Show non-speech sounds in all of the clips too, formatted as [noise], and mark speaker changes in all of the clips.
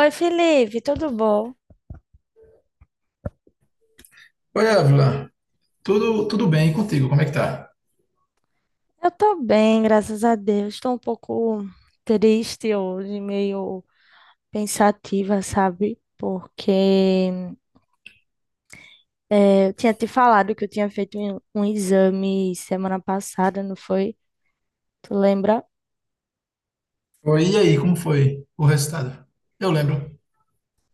Speaker 1: Oi, Felipe, tudo bom?
Speaker 2: Oi, Ávila. Tudo, bem e contigo? Como é que tá?
Speaker 1: Eu tô bem, graças a Deus. Estou um pouco triste hoje, meio pensativa, sabe? Porque eu tinha te falado que eu tinha feito um exame semana passada, não foi? Tu lembra?
Speaker 2: Foi, e aí, como foi o resultado? Eu lembro.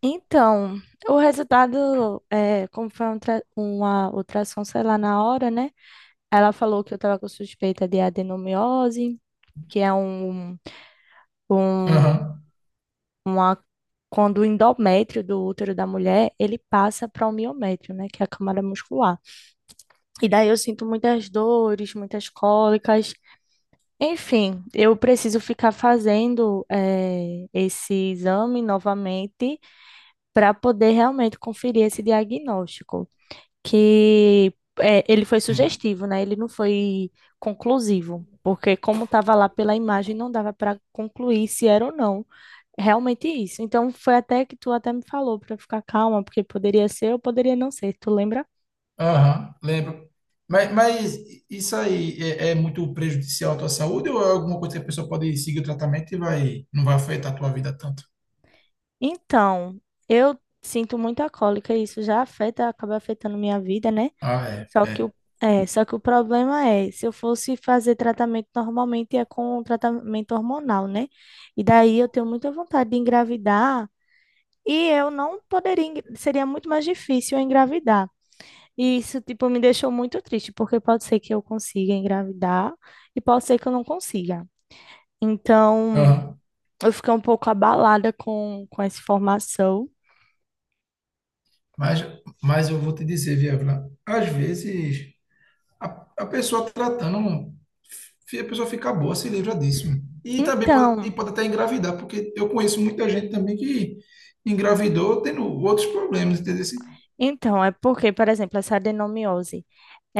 Speaker 1: Então, o resultado, como foi um uma ultrassom, sei lá, na hora, né? Ela falou que eu tava com suspeita de adenomiose, que é um
Speaker 2: Aham,
Speaker 1: uma, quando o endométrio do útero da mulher, ele passa para o miométrio, né, que é a camada muscular. E daí eu sinto muitas dores, muitas cólicas. Enfim, eu preciso ficar fazendo esse exame novamente para poder realmente conferir esse diagnóstico, que ele foi
Speaker 2: sim.
Speaker 1: sugestivo, né? Ele não foi conclusivo, porque como estava lá pela imagem, não dava para concluir se era ou não. Realmente isso. Então foi até que tu até me falou para ficar calma, porque poderia ser ou poderia não ser, tu lembra?
Speaker 2: Aham, lembro. Mas isso aí é muito prejudicial à tua saúde ou é alguma coisa que a pessoa pode seguir o tratamento e vai, não vai afetar a tua vida tanto?
Speaker 1: Então, eu sinto muita cólica e isso já afeta, acaba afetando minha vida, né?
Speaker 2: Ah, é,
Speaker 1: Só que o
Speaker 2: é.
Speaker 1: é, só que o problema é, se eu fosse fazer tratamento normalmente é com um tratamento hormonal, né? E daí eu tenho muita vontade de engravidar e eu não poderia, seria muito mais difícil eu engravidar. E isso, tipo, me deixou muito triste, porque pode ser que eu consiga engravidar e pode ser que eu não consiga. Então,
Speaker 2: Aham.
Speaker 1: eu fiquei um pouco abalada com essa informação.
Speaker 2: Mas, mas eu vou te dizer, viu, Ávila, às vezes A, a pessoa tratando, a pessoa fica boa, se livra disso, mano. E também pode, e
Speaker 1: Então,
Speaker 2: pode até engravidar, porque eu conheço muita gente também que engravidou tendo outros problemas, entendeu? Sim.
Speaker 1: então, é porque, por exemplo, essa adenomiose.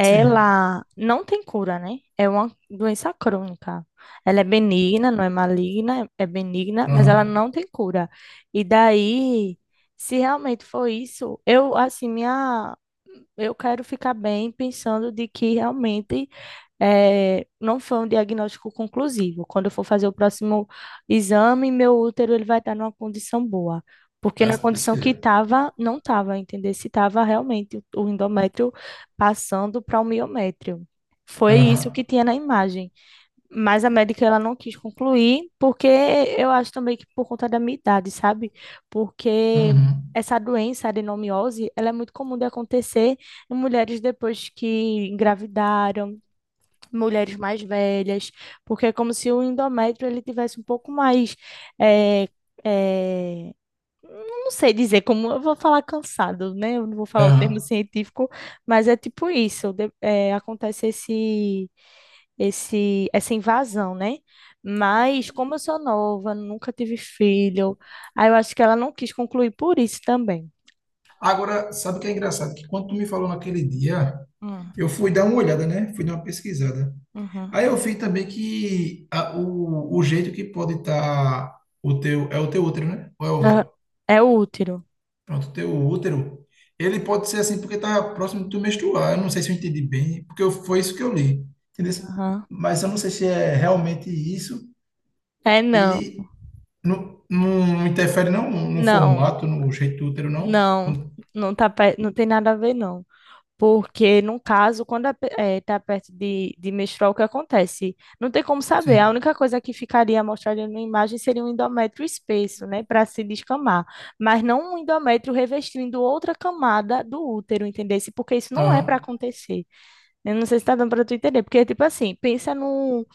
Speaker 2: Sim.
Speaker 1: não tem cura, né? É uma doença crônica. Ela é benigna, não é maligna, é benigna, mas ela
Speaker 2: Aham.
Speaker 1: não tem cura. E daí, se realmente for isso, eu, assim, eu quero ficar bem pensando de que realmente não foi um diagnóstico conclusivo. Quando eu for fazer o próximo exame, meu útero ele vai estar numa condição boa. Porque
Speaker 2: Mas,
Speaker 1: na
Speaker 2: se Deus
Speaker 1: condição que
Speaker 2: quiser.
Speaker 1: estava, não estava, entender se estava realmente o endométrio passando para o miométrio. Foi isso que
Speaker 2: Aham.
Speaker 1: tinha na imagem. Mas a médica ela não quis concluir, porque eu acho também que por conta da minha idade, sabe? Porque
Speaker 2: Uhum.
Speaker 1: essa doença, a adenomiose, ela é muito comum de acontecer em mulheres depois que engravidaram, mulheres mais velhas, porque é como se o endométrio ele tivesse um pouco mais, é, é, não sei dizer como, eu vou falar cansado, né? Eu não vou falar o termo
Speaker 2: Aham.
Speaker 1: científico, mas é tipo isso, acontece essa invasão, né? Mas como eu sou nova, nunca tive filho, aí eu acho que ela não quis concluir por isso também.
Speaker 2: Agora, sabe o que é engraçado? Que quando tu me falou naquele dia,
Speaker 1: Hum,
Speaker 2: eu fui dar uma olhada, né? Fui dar uma pesquisada.
Speaker 1: uhum.
Speaker 2: Aí eu vi também que o jeito que pode estar o teu, é o teu útero, né? Ou é o
Speaker 1: Ah,
Speaker 2: ovário?
Speaker 1: é útero.
Speaker 2: Pronto, teu útero, ele pode ser assim porque tá próximo do teu menstruar. Eu não sei se eu entendi bem, porque foi isso que eu li, entendeu?
Speaker 1: Aham.
Speaker 2: Mas eu não sei se é realmente isso
Speaker 1: É não,
Speaker 2: e não, não interfere não no
Speaker 1: não.
Speaker 2: formato, no jeito do útero, não.
Speaker 1: Não, não tá, pe- não tem nada a ver, não. Porque, no caso, quando a, tá perto de menstruar, o que acontece? Não tem como saber. A
Speaker 2: Sim.
Speaker 1: única coisa que ficaria mostrada na imagem seria um endométrio espesso, né? Para se descamar. Mas não um endométrio revestindo outra camada do útero, entendesse? Porque isso não é para
Speaker 2: Aham,
Speaker 1: acontecer. Eu não sei se tá dando para tu entender. Porque, tipo assim, pensa num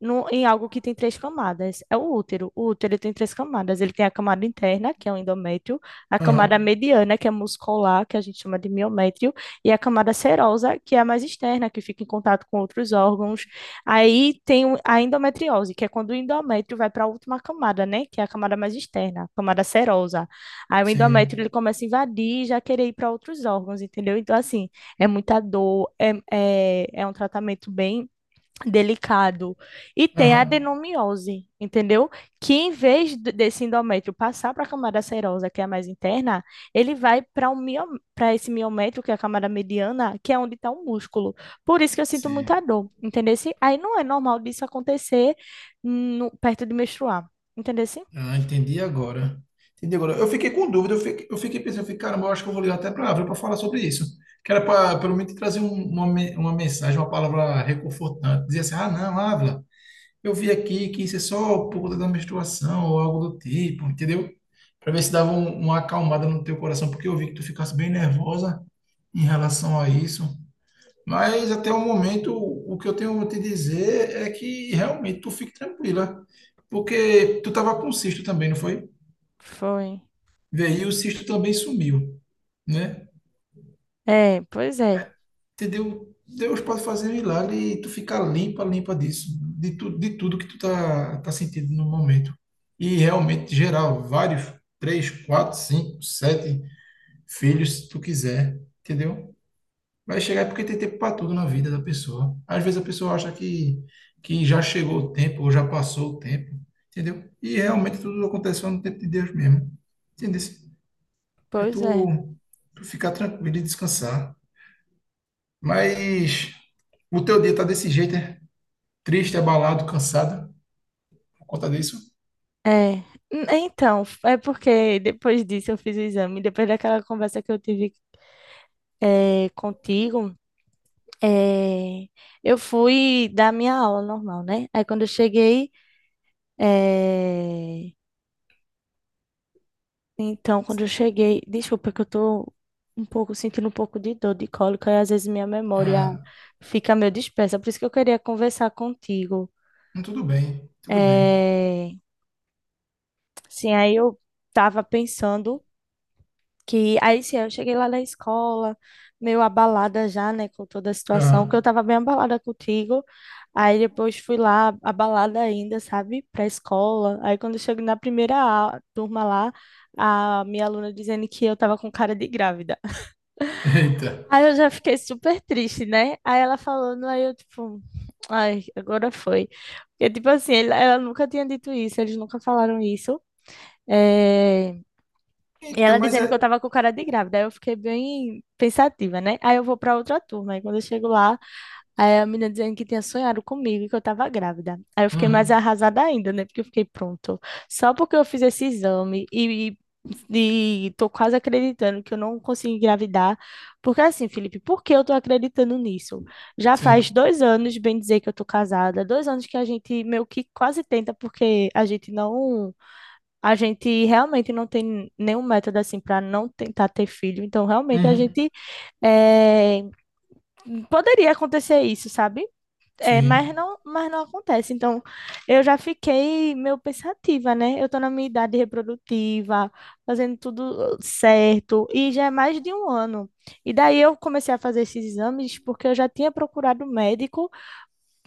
Speaker 1: no- em algo que tem 3 camadas. É o útero. O útero ele tem 3 camadas. Ele tem a camada interna, que é o endométrio, a
Speaker 2: aham,
Speaker 1: camada mediana, que é muscular, que a gente chama de miométrio, e a camada serosa, que é a mais externa, que fica em contato com outros órgãos. Aí tem a endometriose, que é quando o endométrio vai para a última camada, né? Que é a camada mais externa, a camada serosa. Aí o endométrio
Speaker 2: sim,
Speaker 1: ele começa a invadir e já querer ir para outros órgãos, entendeu? Então, assim, é muita dor, é um tratamento bem delicado. E tem a
Speaker 2: aham,
Speaker 1: adenomiose, entendeu? Que em vez desse endómetrio passar para a camada serosa, que é a mais interna, ele vai para um mio... para esse miométrio, que é a camada mediana, que é onde está o músculo. Por isso que eu sinto muita
Speaker 2: sim.
Speaker 1: dor, entendeu? Assim, aí não é normal disso acontecer perto de menstruar, entendeu? Assim,
Speaker 2: Ah, entendi agora. Entendi agora. Eu fiquei com dúvida, eu fiquei pensando, eu fiquei, caramba, eu acho que eu vou ligar até para a Ávila para falar sobre isso. Que era para, pelo menos, trazer uma, uma mensagem, uma palavra reconfortante. Dizer assim, ah, não, Ávila, eu vi aqui que isso é só por conta da menstruação ou algo do tipo, entendeu? Para ver se dava uma acalmada no teu coração, porque eu vi que tu ficasse bem nervosa em relação a isso. Mas até o momento, o que eu tenho a te dizer é que realmente tu fique tranquila. Porque tu estava com um cisto também, não foi?
Speaker 1: foi.
Speaker 2: Veio, e o cisto também sumiu, né?
Speaker 1: É, pois é,
Speaker 2: É, entendeu? Deus pode fazer um milagre e tu ficar limpa, limpa disso, de, tu, de tudo que tu tá sentindo no momento. E realmente, geral, vários, três, quatro, cinco, sete filhos, se tu quiser, entendeu? Vai chegar é porque tem tempo para tudo na vida da pessoa. Às vezes a pessoa acha que já chegou o tempo, ou já passou o tempo, entendeu? E realmente tudo acontece só no tempo de Deus mesmo, entendeu? É
Speaker 1: pois é.
Speaker 2: tu, tu ficar tranquilo e descansar. Mas o teu dia tá desse jeito, né? Triste, abalado, cansado por conta disso?
Speaker 1: É, é porque depois disso eu fiz o exame, depois daquela conversa que eu tive contigo. É, eu fui dar minha aula normal, né? Aí quando eu cheguei, é, então quando eu cheguei, desculpa que eu tô um pouco sentindo um pouco de dor de cólica e às vezes minha memória
Speaker 2: Ah,
Speaker 1: fica meio dispersa, por isso que eu queria conversar contigo.
Speaker 2: tudo bem, tudo bem.
Speaker 1: É, Sim, aí eu tava pensando que aí sim, eu cheguei lá na escola, meio abalada já, né, com toda a situação, que eu
Speaker 2: Aham.
Speaker 1: tava bem abalada contigo. Aí depois fui lá abalada ainda, sabe, pra escola. Aí quando eu chego na primeira turma lá, a minha aluna dizendo que eu tava com cara de grávida.
Speaker 2: [laughs] Eita.
Speaker 1: Aí eu já fiquei super triste, né? Aí ela falando, aí eu tipo, ai, agora foi. Porque tipo assim, ela nunca tinha dito isso, eles nunca falaram isso. É, e
Speaker 2: Então,
Speaker 1: ela
Speaker 2: mas
Speaker 1: dizendo que eu
Speaker 2: é.
Speaker 1: tava com cara de grávida. Aí eu fiquei bem pensativa, né? Aí eu vou pra outra turma. Aí quando eu chego lá, aí a menina dizendo que tinha sonhado comigo e que eu tava grávida. Aí eu fiquei mais
Speaker 2: Uhum,
Speaker 1: arrasada ainda, né? Porque eu fiquei pronto. Só porque eu fiz esse exame e, e tô quase acreditando que eu não consegui engravidar. Porque assim, Felipe, por que eu tô acreditando nisso? Já faz
Speaker 2: sim.
Speaker 1: 2 anos, bem dizer, que eu tô casada. 2 anos que a gente meio que quase tenta, porque a gente realmente não tem nenhum método assim para não tentar ter filho. Então, realmente a
Speaker 2: Uhum,
Speaker 1: gente eh, poderia acontecer isso, sabe? É,
Speaker 2: sim.
Speaker 1: mas não acontece. Então, eu já fiquei meio pensativa, né? Eu tô na minha idade reprodutiva, fazendo tudo certo, e já é mais de 1 ano. E daí eu comecei a fazer esses exames porque eu já tinha procurado médico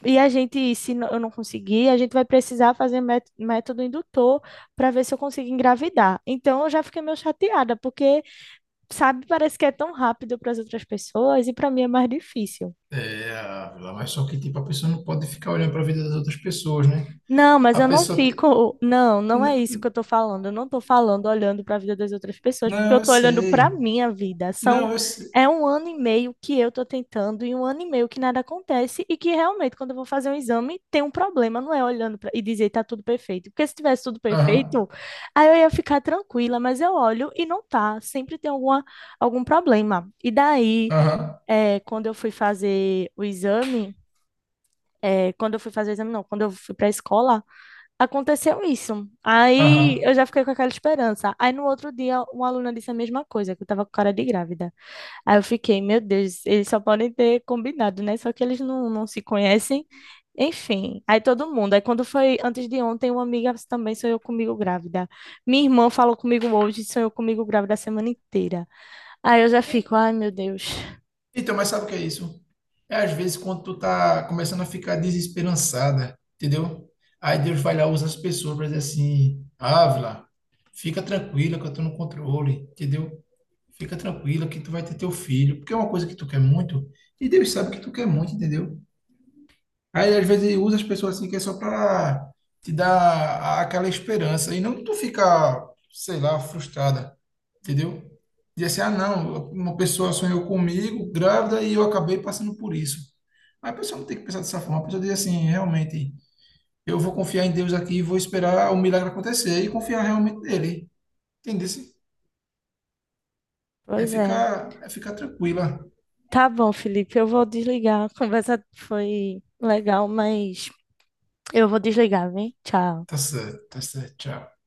Speaker 1: e a gente, se eu não conseguir, a gente vai precisar fazer método indutor para ver se eu consigo engravidar. Então eu já fiquei meio chateada, porque, sabe, parece que é tão rápido para as outras pessoas e para mim é mais difícil.
Speaker 2: É, ah, mas só que tipo, a pessoa não pode ficar olhando para a vida das outras pessoas, né?
Speaker 1: Não, mas
Speaker 2: A
Speaker 1: eu não
Speaker 2: pessoa tem.
Speaker 1: fico. Não, não é isso
Speaker 2: N-
Speaker 1: que eu tô falando. Eu não tô falando olhando para a vida das outras pessoas, porque
Speaker 2: Não,
Speaker 1: eu
Speaker 2: eu
Speaker 1: tô olhando para
Speaker 2: sei.
Speaker 1: minha vida. São
Speaker 2: Não, eu sei.
Speaker 1: é um ano e meio que eu tô tentando e 1 ano e meio que nada acontece e que realmente quando eu vou fazer um exame tem um problema, não é olhando pra... e dizer tá tudo perfeito. Porque se tivesse tudo
Speaker 2: Aham,
Speaker 1: perfeito, aí eu ia ficar tranquila, mas eu olho e não tá, sempre tem algum problema. E daí,
Speaker 2: aham,
Speaker 1: é, quando eu fui fazer o exame, é, quando eu fui fazer o exame, não, quando eu fui para a escola aconteceu isso.
Speaker 2: aham.
Speaker 1: Aí eu já fiquei com aquela esperança. Aí no outro dia, uma aluna disse a mesma coisa, que eu tava com cara de grávida. Aí eu fiquei, meu Deus, eles só podem ter combinado, né? Só que eles não se conhecem. Enfim, aí todo mundo. Aí quando foi antes de ontem, uma amiga também sonhou comigo grávida. Minha irmã falou comigo hoje, sonhou comigo grávida a semana inteira. Aí eu já fico, ai meu Deus.
Speaker 2: Então, mas sabe o que é isso? É às vezes quando tu tá começando a ficar desesperançada, entendeu? Aí Deus vai lá, usa as pessoas para dizer assim, Ávila, fica tranquila que eu tô no controle, entendeu? Fica tranquila que tu vai ter teu filho, porque é uma coisa que tu quer muito, e Deus sabe que tu quer muito, entendeu? Aí às vezes ele usa as pessoas assim que é só para te dar aquela esperança, e não tu ficar, sei lá, frustrada, entendeu? E assim, ah, não, uma pessoa sonhou comigo, grávida, e eu acabei passando por isso. Aí a pessoa não tem que pensar dessa forma, a pessoa diz assim, realmente, eu vou confiar em Deus aqui, vou esperar o milagre acontecer e confiar realmente nele, entendeu?
Speaker 1: Pois é.
Speaker 2: É ficar tranquila.
Speaker 1: Tá bom, Felipe, eu vou desligar. A conversa foi legal, mas eu vou desligar, vem? Tchau.
Speaker 2: Tá certo, tchau.